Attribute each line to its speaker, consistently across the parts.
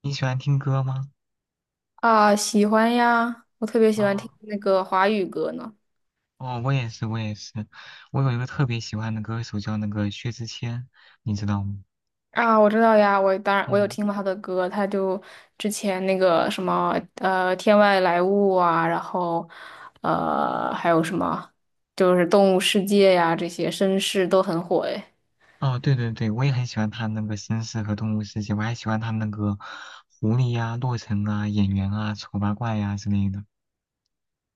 Speaker 1: 你喜欢听歌吗？
Speaker 2: 啊，喜欢呀，我特别喜欢
Speaker 1: 哦
Speaker 2: 听那个华语歌呢。
Speaker 1: 哦，我也是，我也是。我有一个特别喜欢的歌手叫那个薛之谦，你知道吗？
Speaker 2: 啊，我知道呀，我当然有
Speaker 1: 嗯，
Speaker 2: 听过他的歌，他就之前那个什么《天外来物》啊，然后还有什么就是《动物世界》呀，这些绅士都很火诶。
Speaker 1: 哦，对对对，我也很喜欢他那个《绅士》和《动物世界》，我还喜欢他那个《狐狸》呀、《洛城》啊、《演员》啊、《丑八怪》呀之类的，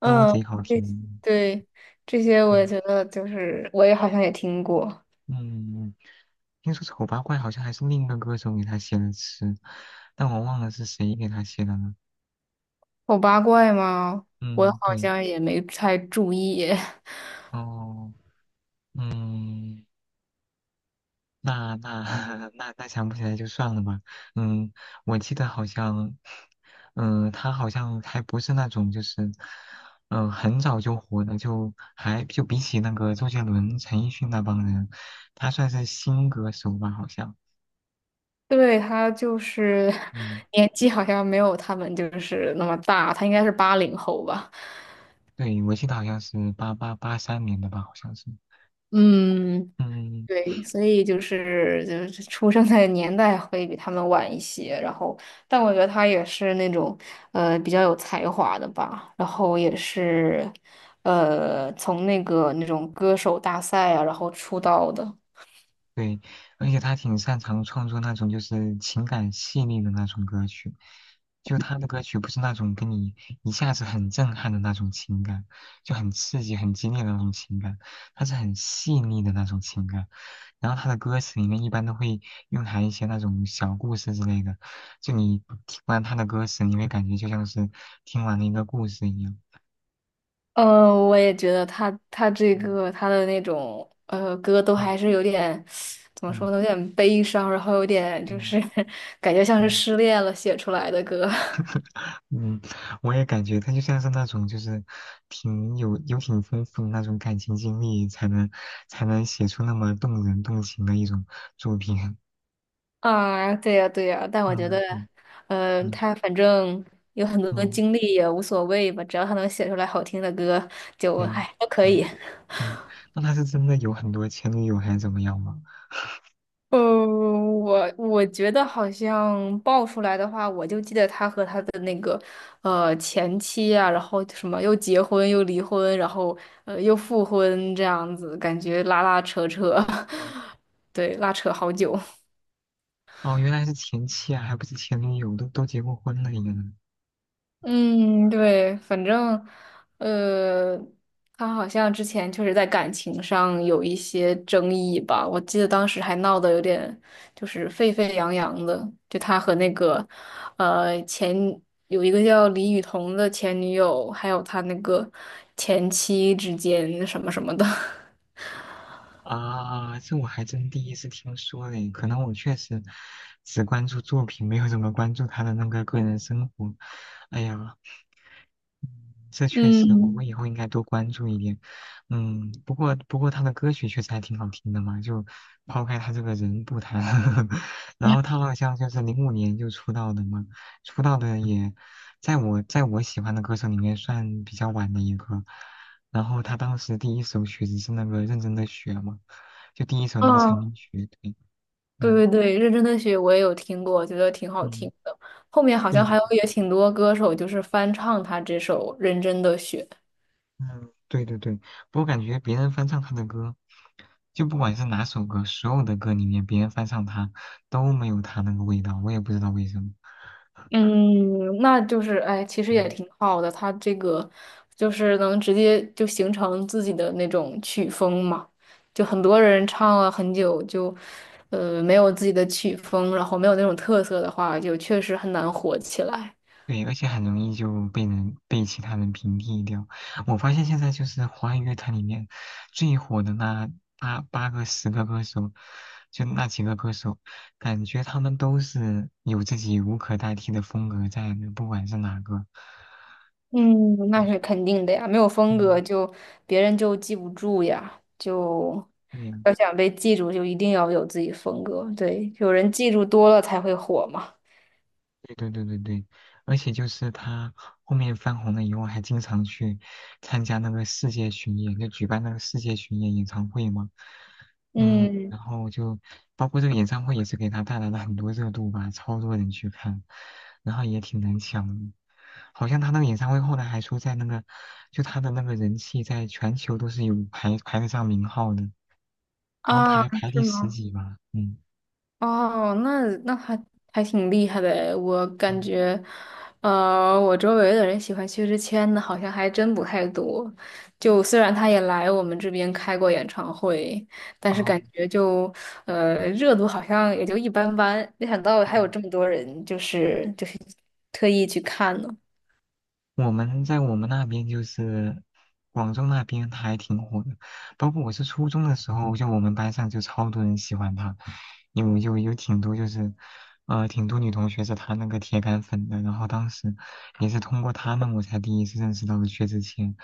Speaker 1: 都
Speaker 2: 嗯，
Speaker 1: 贼好
Speaker 2: 对
Speaker 1: 听。
Speaker 2: 对，这些我也
Speaker 1: 对，
Speaker 2: 觉得就是我也好像也听过。
Speaker 1: 嗯，听说《丑八怪》好像还是另一个歌手给他写的词，但我忘了是谁给他写的了。
Speaker 2: 丑八怪吗？我
Speaker 1: 嗯，
Speaker 2: 好
Speaker 1: 对，
Speaker 2: 像也没太注意。
Speaker 1: 哦，嗯。那 那想不起来就算了吧。嗯，我记得好像，嗯，他好像还不是那种就是，嗯，很早就火的，就还就比起那个周杰伦、陈奕迅那帮人，他算是新歌手吧，好像。
Speaker 2: 对，他就是
Speaker 1: 嗯，
Speaker 2: 年纪好像没有他们就是那么大，他应该是80后吧。
Speaker 1: 对，我记得好像是83年的吧，好像是。
Speaker 2: 嗯，
Speaker 1: 嗯，
Speaker 2: 对，所以就是出生的年代会比他们晚一些。然后，但我觉得他也是那种比较有才华的吧。然后也是从那个那种歌手大赛啊，然后出道的。
Speaker 1: 对，而且他挺擅长创作那种就是情感细腻的那种歌曲，就他的歌曲不是那种跟你一下子很震撼的那种情感，就很刺激、很激烈的那种情感，他是很细腻的那种情感。然后他的歌词里面一般都会蕴含一些那种小故事之类的，就你听完他的歌词，你会感觉就像是听完了一个故事一样。
Speaker 2: 嗯，我也觉得他这
Speaker 1: 嗯
Speaker 2: 个他的那种歌都
Speaker 1: 嗯
Speaker 2: 还是有点怎么说
Speaker 1: 嗯
Speaker 2: 呢，有点悲伤，然后有点就
Speaker 1: 嗯
Speaker 2: 是 感觉像是
Speaker 1: 嗯
Speaker 2: 失恋了写出来的歌
Speaker 1: 嗯，我也感觉他就像是那种，就是挺有挺丰富的那种感情经历，才能写出那么动人动情的一种作品。
Speaker 2: 啊，对呀对呀，但我觉得，
Speaker 1: 嗯嗯
Speaker 2: 嗯，
Speaker 1: 嗯
Speaker 2: 他反正有很多
Speaker 1: 嗯，
Speaker 2: 经历也无所谓吧，只要他能写出来好听的歌，就
Speaker 1: 对啊，
Speaker 2: 哎都可
Speaker 1: 嗯
Speaker 2: 以。
Speaker 1: 嗯，那他是真的有很多前女友还是怎么样吗？
Speaker 2: 呃，我觉得好像爆出来的话，我就记得他和他的那个前妻啊，然后什么又结婚又离婚，然后又复婚这样子，感觉拉拉扯扯，
Speaker 1: 嗯
Speaker 2: 对，拉扯好久。
Speaker 1: 哦，原来是前妻啊，还不是前女友，都结过婚了也。
Speaker 2: 嗯，对，反正，呃，他好像之前确实在感情上有一些争议吧，我记得当时还闹得有点就是沸沸扬扬的，就他和那个，呃，前有一个叫李雨桐的前女友，还有他那个前妻之间什么什么的，
Speaker 1: 啊，这我还真第一次听说嘞，可能我确实只关注作品，没有怎么关注他的那个个人生活。哎呀，这 确实，我们
Speaker 2: 嗯。
Speaker 1: 以后应该多关注一点。嗯，不过他的歌曲确实还挺好听的嘛，就抛开他这个人不谈，然后他好像就是05年就出道的嘛，出道的也在我喜欢的歌手里面算比较晚的一个。然后他当时第一首曲子是那个《认真的雪》嘛，就第一首那个
Speaker 2: 嗯，
Speaker 1: 成名曲。对，
Speaker 2: 对
Speaker 1: 嗯
Speaker 2: 对对，认真的雪我也有听过，觉得挺好
Speaker 1: 嗯，
Speaker 2: 听的。后面好像
Speaker 1: 对
Speaker 2: 还有也挺多歌手就是翻唱他这首《认真的雪》。
Speaker 1: 嗯，对对对，我感觉别人翻唱他的歌，就不管是哪首歌，所有的歌里面别人翻唱他都没有他那个味道，我也不知道为什么。
Speaker 2: 嗯，那就是哎，其实也
Speaker 1: 嗯，
Speaker 2: 挺好的，他这个就是能直接就形成自己的那种曲风嘛。就很多人唱了很久就，没有自己的曲风，然后没有那种特色的话，就确实很难火起来。
Speaker 1: 对，而且很容易就被其他人屏蔽掉。我发现现在就是华语乐坛里面最火的那八八个十个歌手，就那几个歌手，感觉他们都是有自己无可代替的风格在的，不管是哪个。
Speaker 2: 嗯，那是肯定的呀，没有风格
Speaker 1: 嗯。
Speaker 2: 就别人就记不住呀，就
Speaker 1: 对呀。
Speaker 2: 要想被记住，就一定要有自己风格。对，有人记住多了才会火嘛。
Speaker 1: 对对对对对，而且就是他后面翻红了以后，还经常去参加那个世界巡演，就举办那个世界巡演演唱会嘛。嗯，
Speaker 2: 嗯
Speaker 1: 然后就包括这个演唱会也是给他带来了很多热度吧，超多人去看，然后也挺难抢的。好像他那个演唱会后来还说，在那个就他的那个人气在全球都是有排得上名号的，好像
Speaker 2: 啊，
Speaker 1: 排第
Speaker 2: 是
Speaker 1: 十
Speaker 2: 吗？
Speaker 1: 几吧。嗯
Speaker 2: 哦，那还挺厉害的诶我感
Speaker 1: 嗯，
Speaker 2: 觉，我周围的人喜欢薛之谦的，好像还真不太多。就虽然他也来我们这边开过演唱会，但是
Speaker 1: 哦，
Speaker 2: 感觉就，热度好像也就一般般。没想到还有
Speaker 1: 嗯
Speaker 2: 这么多人，就是特意去看呢。
Speaker 1: 我们在我们那边就是广州那边，他还挺火的。包括我是初中的时候，就我们班上就超多人喜欢他，有挺多就是，挺多女同学是他那个铁杆粉的。然后当时也是通过他们，我才第一次认识到了薛之谦，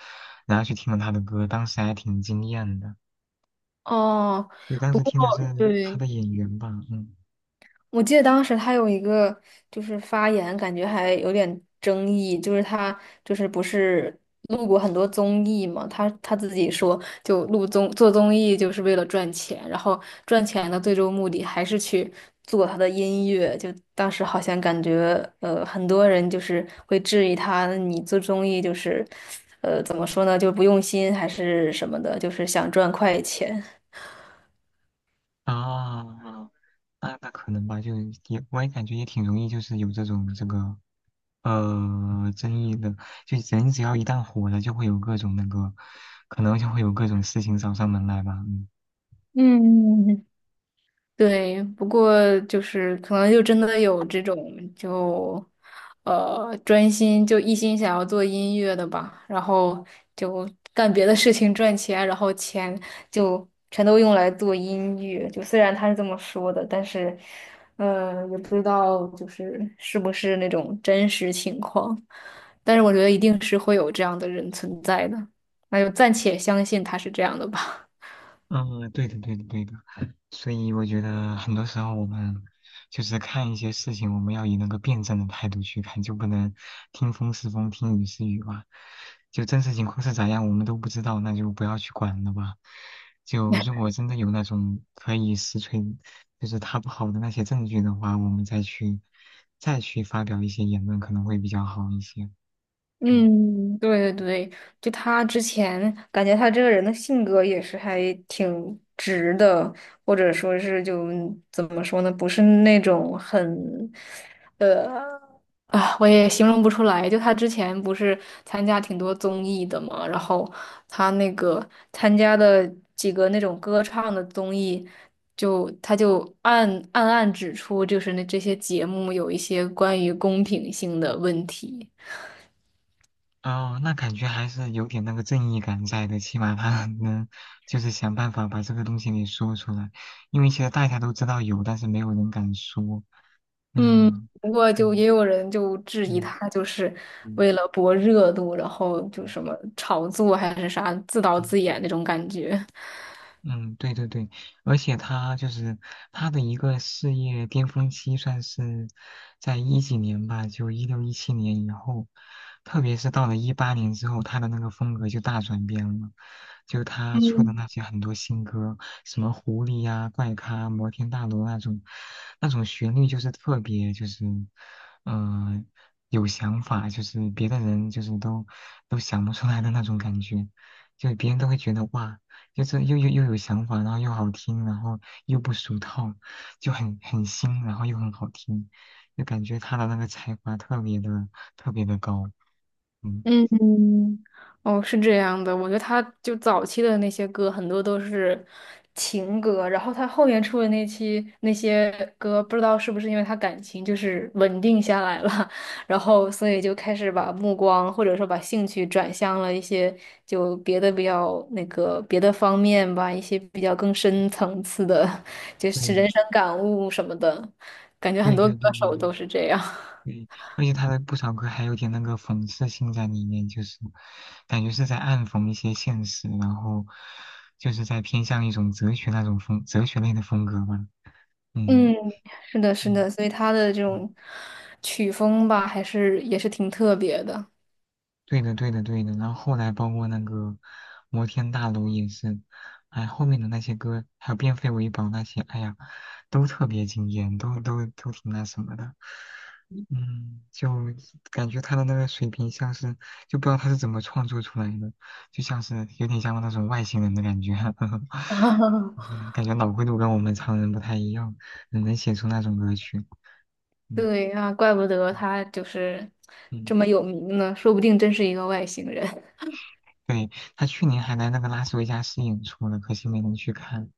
Speaker 1: 然后去听了他的歌，当时还挺惊艳的。
Speaker 2: 哦，
Speaker 1: 因为当
Speaker 2: 不
Speaker 1: 时
Speaker 2: 过
Speaker 1: 听的是他
Speaker 2: 对，
Speaker 1: 的演员吧，嗯
Speaker 2: 我记得当时他有一个就是发言，感觉还有点争议，就是他就是不是录过很多综艺嘛，他自己说就做综艺就是为了赚钱，然后赚钱的最终目的还是去做他的音乐，就当时好像感觉很多人就是会质疑他，你做综艺就是怎么说呢，就不用心还是什么的，就是想赚快钱。
Speaker 1: 啊，那可能吧，就也我也感觉也挺容易，就是有这种这个。争议的，就人只要一旦火了，就会有各种那个，可能就会有各种事情找上门来吧。嗯
Speaker 2: 嗯，对，不过就是可能就真的有这种就，专心就一心想要做音乐的吧，然后就干别的事情赚钱，然后钱就全都用来做音乐。就虽然他是这么说的，但是，也不知道就是是不是那种真实情况，但是我觉得一定是会有这样的人存在的，那就暂且相信他是这样的吧。
Speaker 1: 嗯，对的，对的，对的。所以我觉得很多时候我们就是看一些事情，我们要以那个辩证的态度去看，就不能听风是风，听雨是雨吧。就真实情况是咋样，我们都不知道，那就不要去管了吧。就如果真的有那种可以实锤，就是他不好的那些证据的话，我们再去发表一些言论，可能会比较好一些。嗯。
Speaker 2: 嗯，对对对，就他之前感觉他这个人的性格也是还挺直的，或者说是就怎么说呢，不是那种很呃啊，我也形容不出来。就他之前不是参加挺多综艺的嘛，然后他那个参加的几个那种歌唱的综艺，就他就暗指出，就是那这些节目有一些关于公平性的问题。
Speaker 1: 哦，那感觉还是有点那个正义感在的，起码他 能就是想办法把这个东西给说出来，因为其实大家都知道有，但是没有人敢说。
Speaker 2: 嗯，
Speaker 1: 嗯，
Speaker 2: 不过就
Speaker 1: 嗯
Speaker 2: 也有人就质疑
Speaker 1: 嗯
Speaker 2: 他，就是
Speaker 1: 嗯
Speaker 2: 为了博热度，然后就
Speaker 1: 嗯
Speaker 2: 什么炒作还是啥，自导
Speaker 1: 嗯。
Speaker 2: 自演那种感觉。
Speaker 1: 嗯，对对对，而且他就是他的一个事业巅峰期，算是在一几年吧，就16、17年以后，特别是到了18年之后，他的那个风格就大转变了，就他出的
Speaker 2: 嗯。
Speaker 1: 那些很多新歌，什么狐狸呀、怪咖、摩天大楼那种，那种旋律就是特别就是，嗯，有想法，就是别的人就是都想不出来的那种感觉，就别人都会觉得哇。就是又有想法，然后又好听，然后又不俗套，就很新，然后又很好听，就感觉他的那个才华特别的高，嗯，
Speaker 2: 嗯，哦，是这样的，我觉得他就早期的那些歌很多都是情歌，然后他后面出的那期那些歌，不知道是不是因为他感情就是稳定下来了，然后所以就开始把目光或者说把兴趣转向了一些就别的比较那个别的方面吧，一些比较更深层次的，就是人
Speaker 1: 对
Speaker 2: 生感悟什么的，感觉很
Speaker 1: 对
Speaker 2: 多
Speaker 1: 对
Speaker 2: 歌
Speaker 1: 对对
Speaker 2: 手
Speaker 1: 对
Speaker 2: 都是这样。
Speaker 1: 对，而且他的不少歌还有点那个讽刺性在里面，就是感觉是在暗讽一些现实，然后就是在偏向一种哲学那种风哲学类的风格吧，嗯
Speaker 2: 嗯，是的，是
Speaker 1: 嗯
Speaker 2: 的，所以他的这
Speaker 1: 嗯。
Speaker 2: 种曲风吧，还是也是挺特别的。
Speaker 1: 对的，对的，对的。然后后来包括那个摩天大楼也是，哎，后面的那些歌，还有变废为宝那些，哎呀，都特别惊艳，都挺那什么的。嗯，就感觉他的那个水平像是，就不知道他是怎么创作出来的，就像是有点像那种外星人的感觉，就是 感觉脑回路跟我们常人不太一样，能写出那种歌曲。嗯
Speaker 2: 对啊，怪不得
Speaker 1: 嗯
Speaker 2: 他就是这么
Speaker 1: 嗯。
Speaker 2: 有名呢，说不定真是一个外星人
Speaker 1: 对，他去年还来那个拉斯维加斯演出了，可惜没能去看。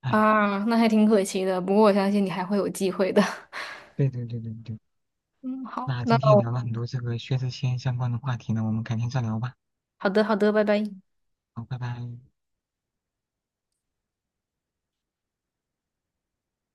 Speaker 1: 哎，
Speaker 2: 啊，那还挺可惜的。不过我相信你还会有机会的。
Speaker 1: 对对对对对，
Speaker 2: 嗯，好，
Speaker 1: 那
Speaker 2: 那
Speaker 1: 今天也
Speaker 2: 我
Speaker 1: 聊了很多这个薛之谦相关的话题呢，我们改天再聊吧。
Speaker 2: 好的，好的，拜拜。
Speaker 1: 好，拜拜。